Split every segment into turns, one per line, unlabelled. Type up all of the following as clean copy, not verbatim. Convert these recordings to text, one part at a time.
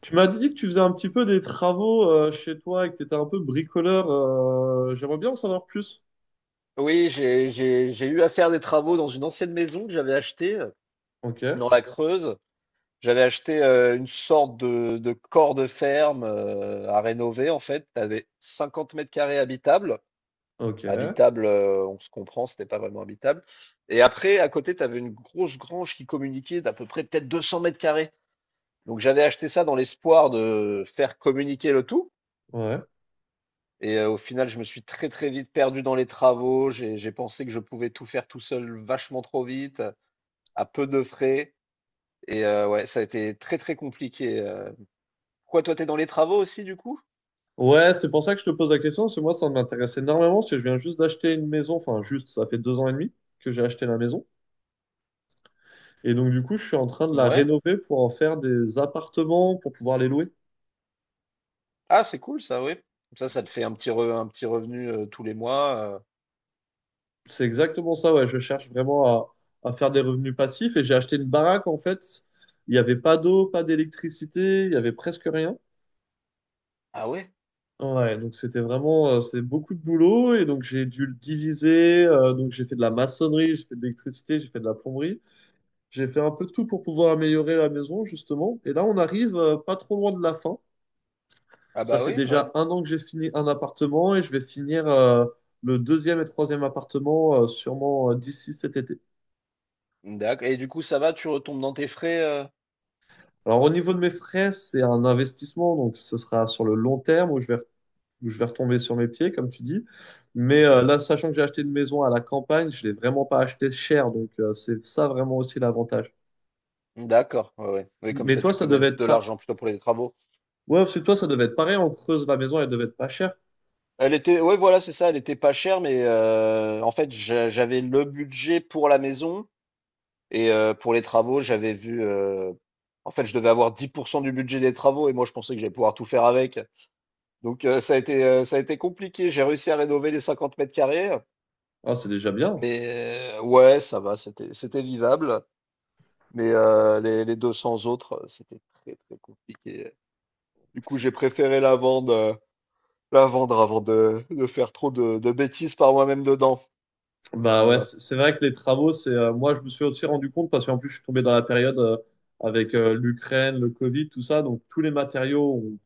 Tu m'as dit que tu faisais un petit peu des travaux chez toi et que tu étais un peu bricoleur. J'aimerais bien en savoir plus.
Oui, j'ai eu à faire des travaux dans une ancienne maison que j'avais achetée,
Ok,
dans la Creuse. J'avais acheté une sorte de corps de ferme à rénover en fait. T'avais 50 mètres carrés habitables.
ok,
Habitable, on se comprend, c'était pas vraiment habitable. Et après, à côté, t'avais une grosse grange qui communiquait d'à peu près peut-être 200 mètres carrés. Donc j'avais acheté ça dans l'espoir de faire communiquer le tout.
ouais.
Et au final, je me suis très très vite perdu dans les travaux. J'ai pensé que je pouvais tout faire tout seul vachement trop vite, à peu de frais. Et ouais, ça a été très très compliqué. Pourquoi toi, t'es dans les travaux aussi du coup?
Ouais, c'est pour ça que je te pose la question, parce que moi, ça m'intéresse énormément, parce que je viens juste d'acheter une maison, enfin juste, ça fait 2 ans et demi que j'ai acheté la maison. Et donc, du coup, je suis en train de la
Ouais.
rénover pour en faire des appartements, pour pouvoir les louer.
Ah, c'est cool ça, oui. Comme ça te fait un petit revenu tous les mois.
C'est exactement ça, ouais, je cherche vraiment à faire des revenus passifs. Et j'ai acheté une baraque, en fait, il n'y avait pas d'eau, pas d'électricité, il y avait presque rien.
Ah ouais?
Ouais, donc c'était vraiment, c'est beaucoup de boulot et donc j'ai dû le diviser. Donc j'ai fait de la maçonnerie, j'ai fait de l'électricité, j'ai fait de la plomberie. J'ai fait un peu de tout pour pouvoir améliorer la maison, justement. Et là, on arrive pas trop loin de la fin.
Ah
Ça
bah
fait
oui, ouais.
déjà un an que j'ai fini un appartement et je vais finir le deuxième et troisième appartement sûrement d'ici cet été.
D'accord. Et du coup, ça va, tu retombes dans tes frais.
Alors au niveau de mes frais, c'est un investissement, donc ce sera sur le long terme où je vais retomber sur mes pieds, comme tu dis. Mais
Mhm.
là, sachant que j'ai acheté une maison à la campagne, je l'ai vraiment pas acheté cher. Donc, c'est ça vraiment aussi l'avantage.
D'accord. Ouais, ouais. Oui, comme
Mais
ça,
toi,
tu
ça
peux
devait
mettre
être
de
pas.
l'argent plutôt pour les travaux.
Ouais, parce que toi, ça devait être pareil. On creuse la maison, elle devait être pas chère.
Elle était, ouais, voilà, c'est ça. Elle était pas chère, mais en fait, j'avais le budget pour la maison et pour les travaux, j'avais vu. En fait, je devais avoir 10% du budget des travaux et moi, je pensais que j'allais pouvoir tout faire avec. Donc, ça a ça a été compliqué. J'ai réussi à rénover les 50 mètres carrés,
Ah, c'est déjà bien.
mais ouais, ça va. C'était vivable. Mais les 200 autres, c'était très, très compliqué. Du coup, j'ai préféré la vendre avant de faire trop de bêtises par moi-même dedans.
Bah ouais,
Voilà.
c'est vrai que les travaux, c'est moi, je me suis aussi rendu compte parce qu'en plus, je suis tombé dans la période avec l'Ukraine, le Covid, tout ça. Donc, tous les matériaux ont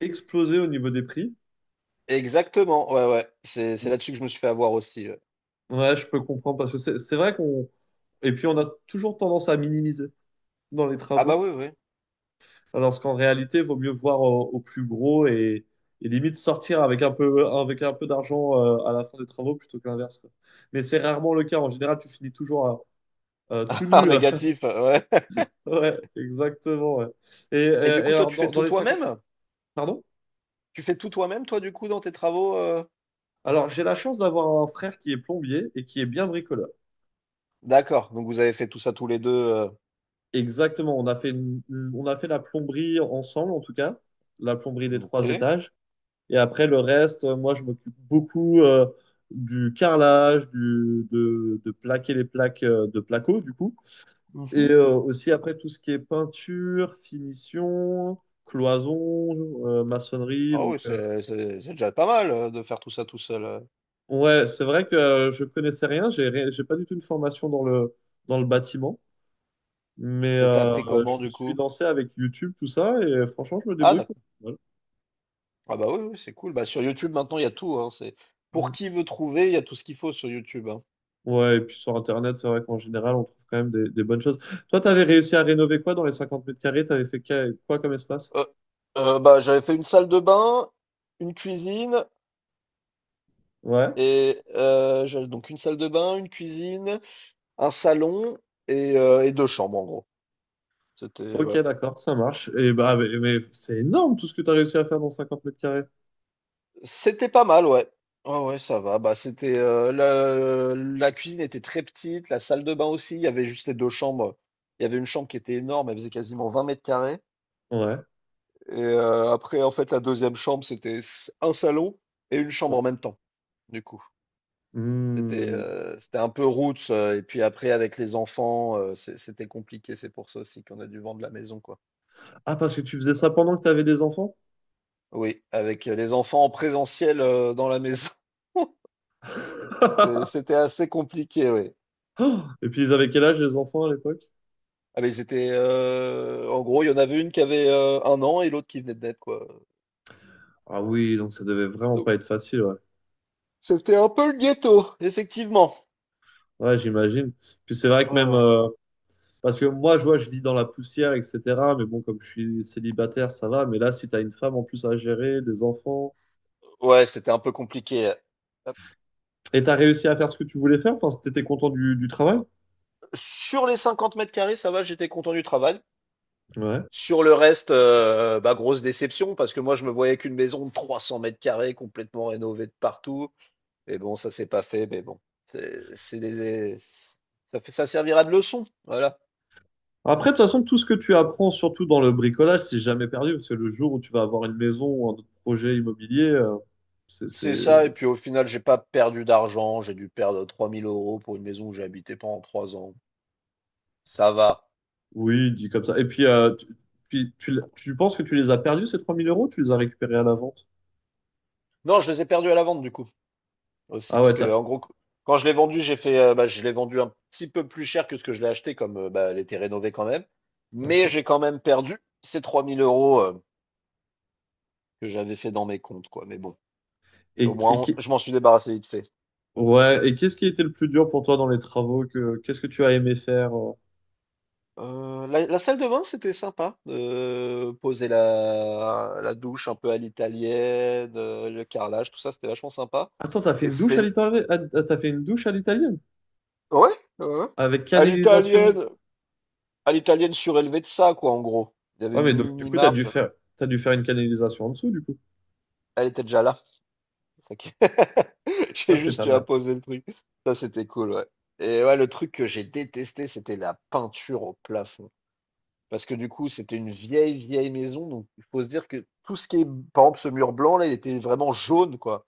explosé au niveau des prix.
Exactement, ouais, ouais. C'est là-dessus que je me suis fait avoir aussi.
Ouais, je peux comprendre parce que c'est vrai qu'on. Et puis, on a toujours tendance à minimiser dans les
Ah bah,
travaux.
oui, oui.
Lorsqu'en réalité, il vaut mieux voir au plus gros et limite sortir avec un peu d'argent à la fin des travaux plutôt que l'inverse, quoi. Mais c'est rarement le cas. En général, tu finis toujours tout
Ah
nu.
négatif, ouais.
Ouais, exactement. Ouais. Et, et-
Et du
et
coup, toi,
alors,
tu fais
dans, dans,
tout
les 50 minutes,
toi-même?
pardon?
Tu fais tout toi-même, toi, du coup, dans tes travaux?
Alors, j'ai la chance d'avoir un frère qui est plombier et qui est bien bricoleur.
D'accord, donc vous avez fait tout ça tous les deux.
Exactement. On a fait la plomberie ensemble, en tout cas, la plomberie des
OK.
trois étages. Et après, le reste, moi, je m'occupe beaucoup du carrelage, de plaquer les plaques de placo, du coup. Et
Mmh.
aussi, après, tout ce qui est peinture, finition, cloison, maçonnerie.
Ah
Donc,
oui, c'est déjà pas mal, de faire tout ça tout seul.
ouais, c'est vrai que je connaissais rien. J'ai pas du tout une formation dans le bâtiment. Mais
Et tu appris
je
comment,
me
du
suis
coup?
lancé avec YouTube, tout ça. Et franchement, je me
Ah
débrouille.
d'accord.
Voilà.
Ah bah, oui, oui, c'est cool. Bah, sur YouTube, maintenant, il y a tout, hein. C'est Pour
Mm.
qui veut trouver, il y a tout ce qu'il faut sur YouTube, hein.
Ouais, et puis sur Internet, c'est vrai qu'en général, on trouve quand même des bonnes choses. Toi, t'avais réussi à rénover quoi dans les 50 mètres carrés? T'avais fait quoi comme espace?
Heu, Bah, j'avais fait une salle de bain, une cuisine.
Ouais.
Et je donc une salle de bain, une cuisine, un salon et 2 chambres en gros. C'était
Ok,
ouais,
d'accord, ça marche. Et bah, mais c'est énorme tout ce que t'as réussi à faire dans 50 mètres carrés.
c'était pas mal, ouais. Ouais, ouais, ça va. Bah, c'était le la cuisine était très petite, la salle de bain aussi, il y avait juste les 2 chambres. Il y avait une chambre qui était énorme, elle faisait quasiment 20 mètres carrés.
Ouais.
Et après en fait la deuxième chambre, c'était s un salon et une chambre
Ouais.
en même temps, du coup. C'était
Hmm.
c'était un peu roots, et puis après avec les enfants, c'était compliqué. C'est pour ça aussi qu'on a dû vendre la maison, quoi.
Ah, parce que tu faisais ça pendant que t'avais des enfants?
Oui, avec les enfants en présentiel, dans la maison. C'était assez compliqué, oui.
Et puis, ils avaient quel âge les enfants à l'époque?
Ah, mais ils étaient, en gros, il y en avait une qui avait, 1 an et l'autre qui venait de naître, quoi,
Ah oui, donc ça devait vraiment
donc
pas être facile, ouais.
c'était un peu le ghetto, effectivement.
Ouais, j'imagine. Puis c'est vrai que
Ouais,
même,
ouais.
parce que moi, je vois, je vis dans la poussière, etc. Mais bon, comme je suis célibataire, ça va. Mais là, si t'as une femme en plus à gérer, des enfants.
Ouais, c'était un peu compliqué,
Et t'as réussi à faire ce que tu voulais faire, enfin, si t'étais content du travail.
sur les 50 mètres carrés, ça va, j'étais content du travail.
Ouais.
Sur le reste, bah, grosse déception parce que moi, je me voyais qu'une maison de 300 mètres carrés complètement rénovée de partout. Mais bon, ça s'est pas fait, mais bon, c'est c'est des, ça fait, ça servira de leçon, voilà.
Après, de toute façon, tout ce que tu apprends, surtout dans le bricolage, c'est jamais perdu. Parce que le jour où tu vas avoir une maison ou un autre projet immobilier, c'est.
C'est ça, et puis au final, j'ai pas perdu d'argent, j'ai dû perdre 3000 euros pour une maison où j'ai habité pendant 3 ans. Ça va.
Oui, dit comme ça. Et puis, tu penses que tu les as perdus, ces 3 000 euros, ou tu les as récupérés à la vente?
Non, je les ai perdus à la vente, du coup, aussi,
Ah
parce
ouais,
que,
t'as.
en gros, quand je l'ai vendu, j'ai fait, bah, je l'ai vendu un petit peu plus cher que ce que je l'ai acheté, comme, bah, elle était rénovée quand même. Mais
D'accord.
j'ai quand même perdu ces 3000 euros, que j'avais fait dans mes comptes, quoi. Mais bon, au
Et,
moins,
et qui-
je m'en suis débarrassé vite fait.
Ouais, et qu'est-ce qui était le plus dur pour toi dans les travaux que qu'est-ce que tu as aimé faire?
La salle de bain, c'était sympa, de poser la douche un peu à l'italienne, le carrelage, tout ça, c'était vachement sympa
Attends, t'as fait
et
une douche
c'est
à
l
l'italienne? T'as fait une douche à l'italienne?
ouais, ouais, ouais,
Avec
à
canalisation.
l'italienne, à l'italienne surélevée de ça, quoi, en gros. Il y avait
Ouais,
une
mais donc du
mini
coup, t'as dû
marche,
faire t'as dû faire une canalisation en dessous, du coup.
elle était déjà là, c'est ça qui j'ai
Ça, c'est
juste
pas
eu à
mal.
poser le truc. Ça, c'était cool, ouais. Et ouais, le truc que j'ai détesté, c'était la peinture au plafond. Parce que du coup, c'était une vieille, vieille maison. Donc, il faut se dire que tout ce qui est, par exemple, ce mur blanc, là, il était vraiment jaune, quoi.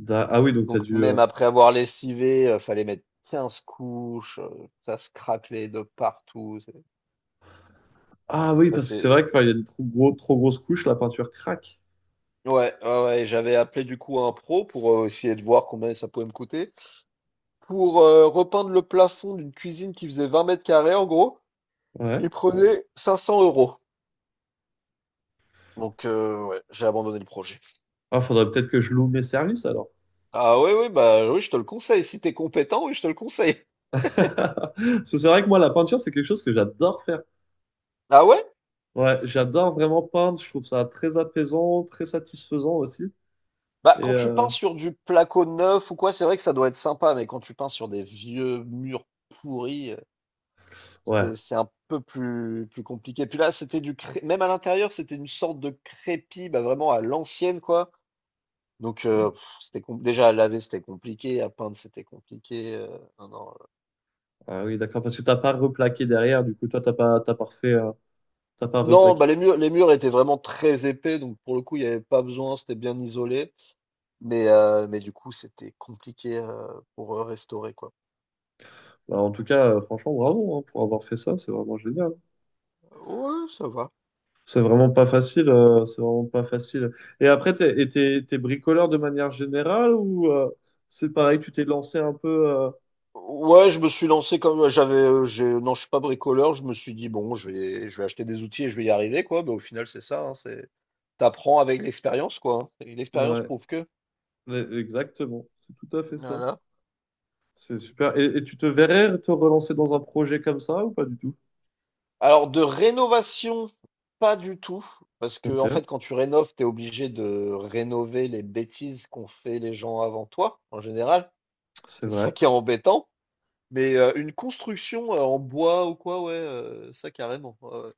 Ah oui, donc t'as
Donc,
dû.
même après avoir lessivé, fallait mettre 15 couches. Ça se craquelait de partout. C'est-
Ah oui,
Ça,
parce que c'est vrai
c'est.
que quand il y a une trop grosse couche, la peinture craque.
Ouais, ouais, ouais, j'avais appelé du coup un pro pour essayer de voir combien ça pouvait me coûter. Pour repeindre le plafond d'une cuisine qui faisait 20 mètres carrés, en gros,
Ouais.
il prenait 500 euros. Donc, ouais, j'ai abandonné le projet.
Ah, faudrait peut-être que je loue mes services alors.
Ah ouais, ouais, bah oui, je te le conseille. Si t'es compétent, oui, je te le conseille.
Parce que c'est vrai que moi, la peinture, c'est quelque chose que j'adore faire.
Ah ouais?
Ouais, j'adore vraiment peindre. Je trouve ça très apaisant, très satisfaisant aussi.
Bah,
Et
quand tu peins sur du placo neuf ou quoi, c'est vrai que ça doit être sympa, mais quand tu peins sur des vieux murs pourris,
ouais.
c'est un peu plus, plus compliqué. Puis là, c'était du cré... même à l'intérieur, c'était une sorte de crépi, bah vraiment à l'ancienne, quoi. Donc, c'était déjà à laver, c'était compliqué, à peindre, c'était compliquénon, non, euh.
Ah oui, d'accord, parce que t'as pas replaqué derrière, du coup, toi, t'as pas refait, t'as pas
Non,
replaqué.
bah les murs, étaient vraiment très épais, donc pour le coup, il n'y avait pas besoin, c'était bien isolé. Mais du coup, c'était compliqué pour restaurer, quoi.
Bah, en tout cas, franchement, bravo hein, pour avoir fait ça, c'est vraiment génial.
Ouais, ça va.
C'est vraiment pas facile, c'est vraiment pas facile. Et après, t'es bricoleur de manière générale ou c'est pareil, tu t'es lancé un peu.
Ouais, je me suis lancé comme non, je suis pas bricoleur. Je me suis dit bon, je vais acheter des outils et je vais y arriver quoi. Bah, au final, c'est ça. T'apprends avec l'expérience quoi. Hein. Et l'expérience
Ouais,
prouve que.
exactement, c'est tout à fait ça.
Voilà.
C'est super. Et tu te verrais te relancer dans un projet comme ça ou pas du tout?
Alors de rénovation, pas du tout, parce que en
Ok,
fait, quand tu rénoves, t'es obligé de rénover les bêtises qu'ont fait les gens avant toi en général.
c'est
C'est
vrai.
ça qui est embêtant. Mais une construction en bois ou quoi, ouais, ça carrément. Ouais, ouais.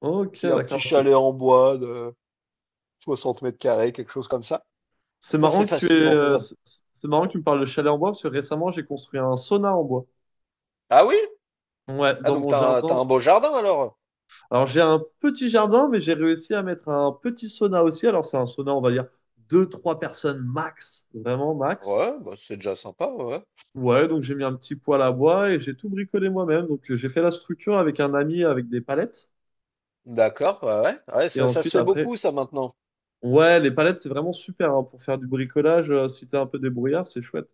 Ok,
Un petit
d'accord.
chalet en bois, 60 mètres carrés, quelque chose comme ça.
C'est
Ça,
marrant
c'est
que tu
facilement
es.
faisable.
c'est c'est marrant que tu me parles de chalet en bois parce que récemment j'ai construit un sauna en bois.
Ah oui?
Ouais,
Ah,
dans mon
t'as
jardin.
un beau jardin alors?
Alors j'ai un petit jardin, mais j'ai réussi à mettre un petit sauna aussi. Alors c'est un sauna, on va dire deux, trois personnes max, vraiment max.
Ouais, bah, c'est déjà sympa, ouais.
Ouais, donc j'ai mis un petit poêle à bois et j'ai tout bricolé moi-même. Donc j'ai fait la structure avec un ami avec des palettes.
D'accord, ouais, ouais, ouais,
Et
ça se
ensuite
fait
après,
beaucoup ça maintenant.
ouais, les palettes c'est vraiment super hein, pour faire du bricolage. Si t'es un peu débrouillard, c'est chouette.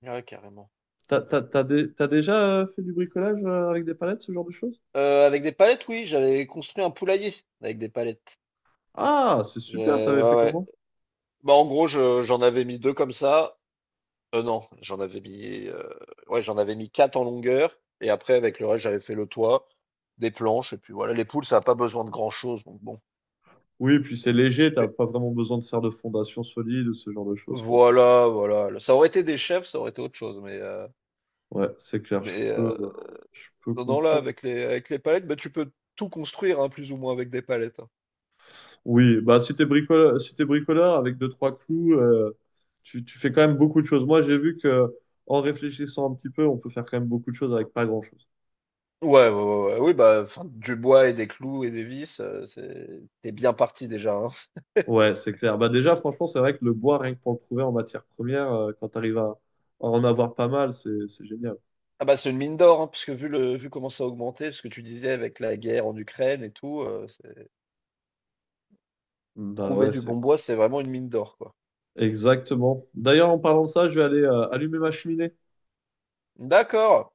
Ouais, carrément.
T'as déjà fait du bricolage avec des palettes, ce genre de choses?
Avec des palettes, oui, j'avais construit un poulailler avec des palettes.
Ah, c'est super, t'avais
Ouais,
fait
ouais.
comment?
Bah, en gros, j'en avais mis deux comme ça. Non, j'en avais mis, ouais, j'en avais mis quatre en longueur. Et après, avec le reste, j'avais fait le toit, des planches. Et puis voilà, les poules, ça n'a pas besoin de grand-chose. Donc bon.
Oui, puis c'est léger, t'as pas vraiment besoin de faire de fondation solide ou ce genre de choses, quoi.
Voilà, voilà, ça aurait été des chefs, ça aurait été autre chose, mais
Ouais, c'est clair, je
mais
peux,
heu,
euh, je peux
non, non, là,
comprendre.
avec les palettes, bah, tu peux tout construire, hein, plus ou moins avec des palettes, hein.
Oui, bah si t'es bricoleur avec deux, trois clous, tu fais quand même beaucoup de choses. Moi, j'ai vu que en réfléchissant un petit peu, on peut faire quand même beaucoup de choses avec pas grand-chose.
Ouais, ouais, ouais, ouais, oui, bah, enfin, du bois et des clous et des vis, c'est tu bien parti déjà, hein.
Ouais, c'est clair. Bah déjà, franchement, c'est vrai que le bois, rien que pour le trouver en matière première, quand t'arrives à en avoir pas mal, c'est génial.
Ah, bah, c'est une mine d'or, hein, puisque vu comment ça a augmenté, ce que tu disais avec la guerre en Ukraine et tout, c'est
Bah
trouver
ouais,
du
c'est
bon bois, c'est vraiment une mine d'or, quoi.
Exactement. D'ailleurs, en parlant de ça, je vais aller allumer ma cheminée.
D'accord,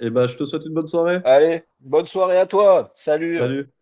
Et ben, je te souhaite une bonne soirée.
allez, bonne soirée à toi, salut!
Salut.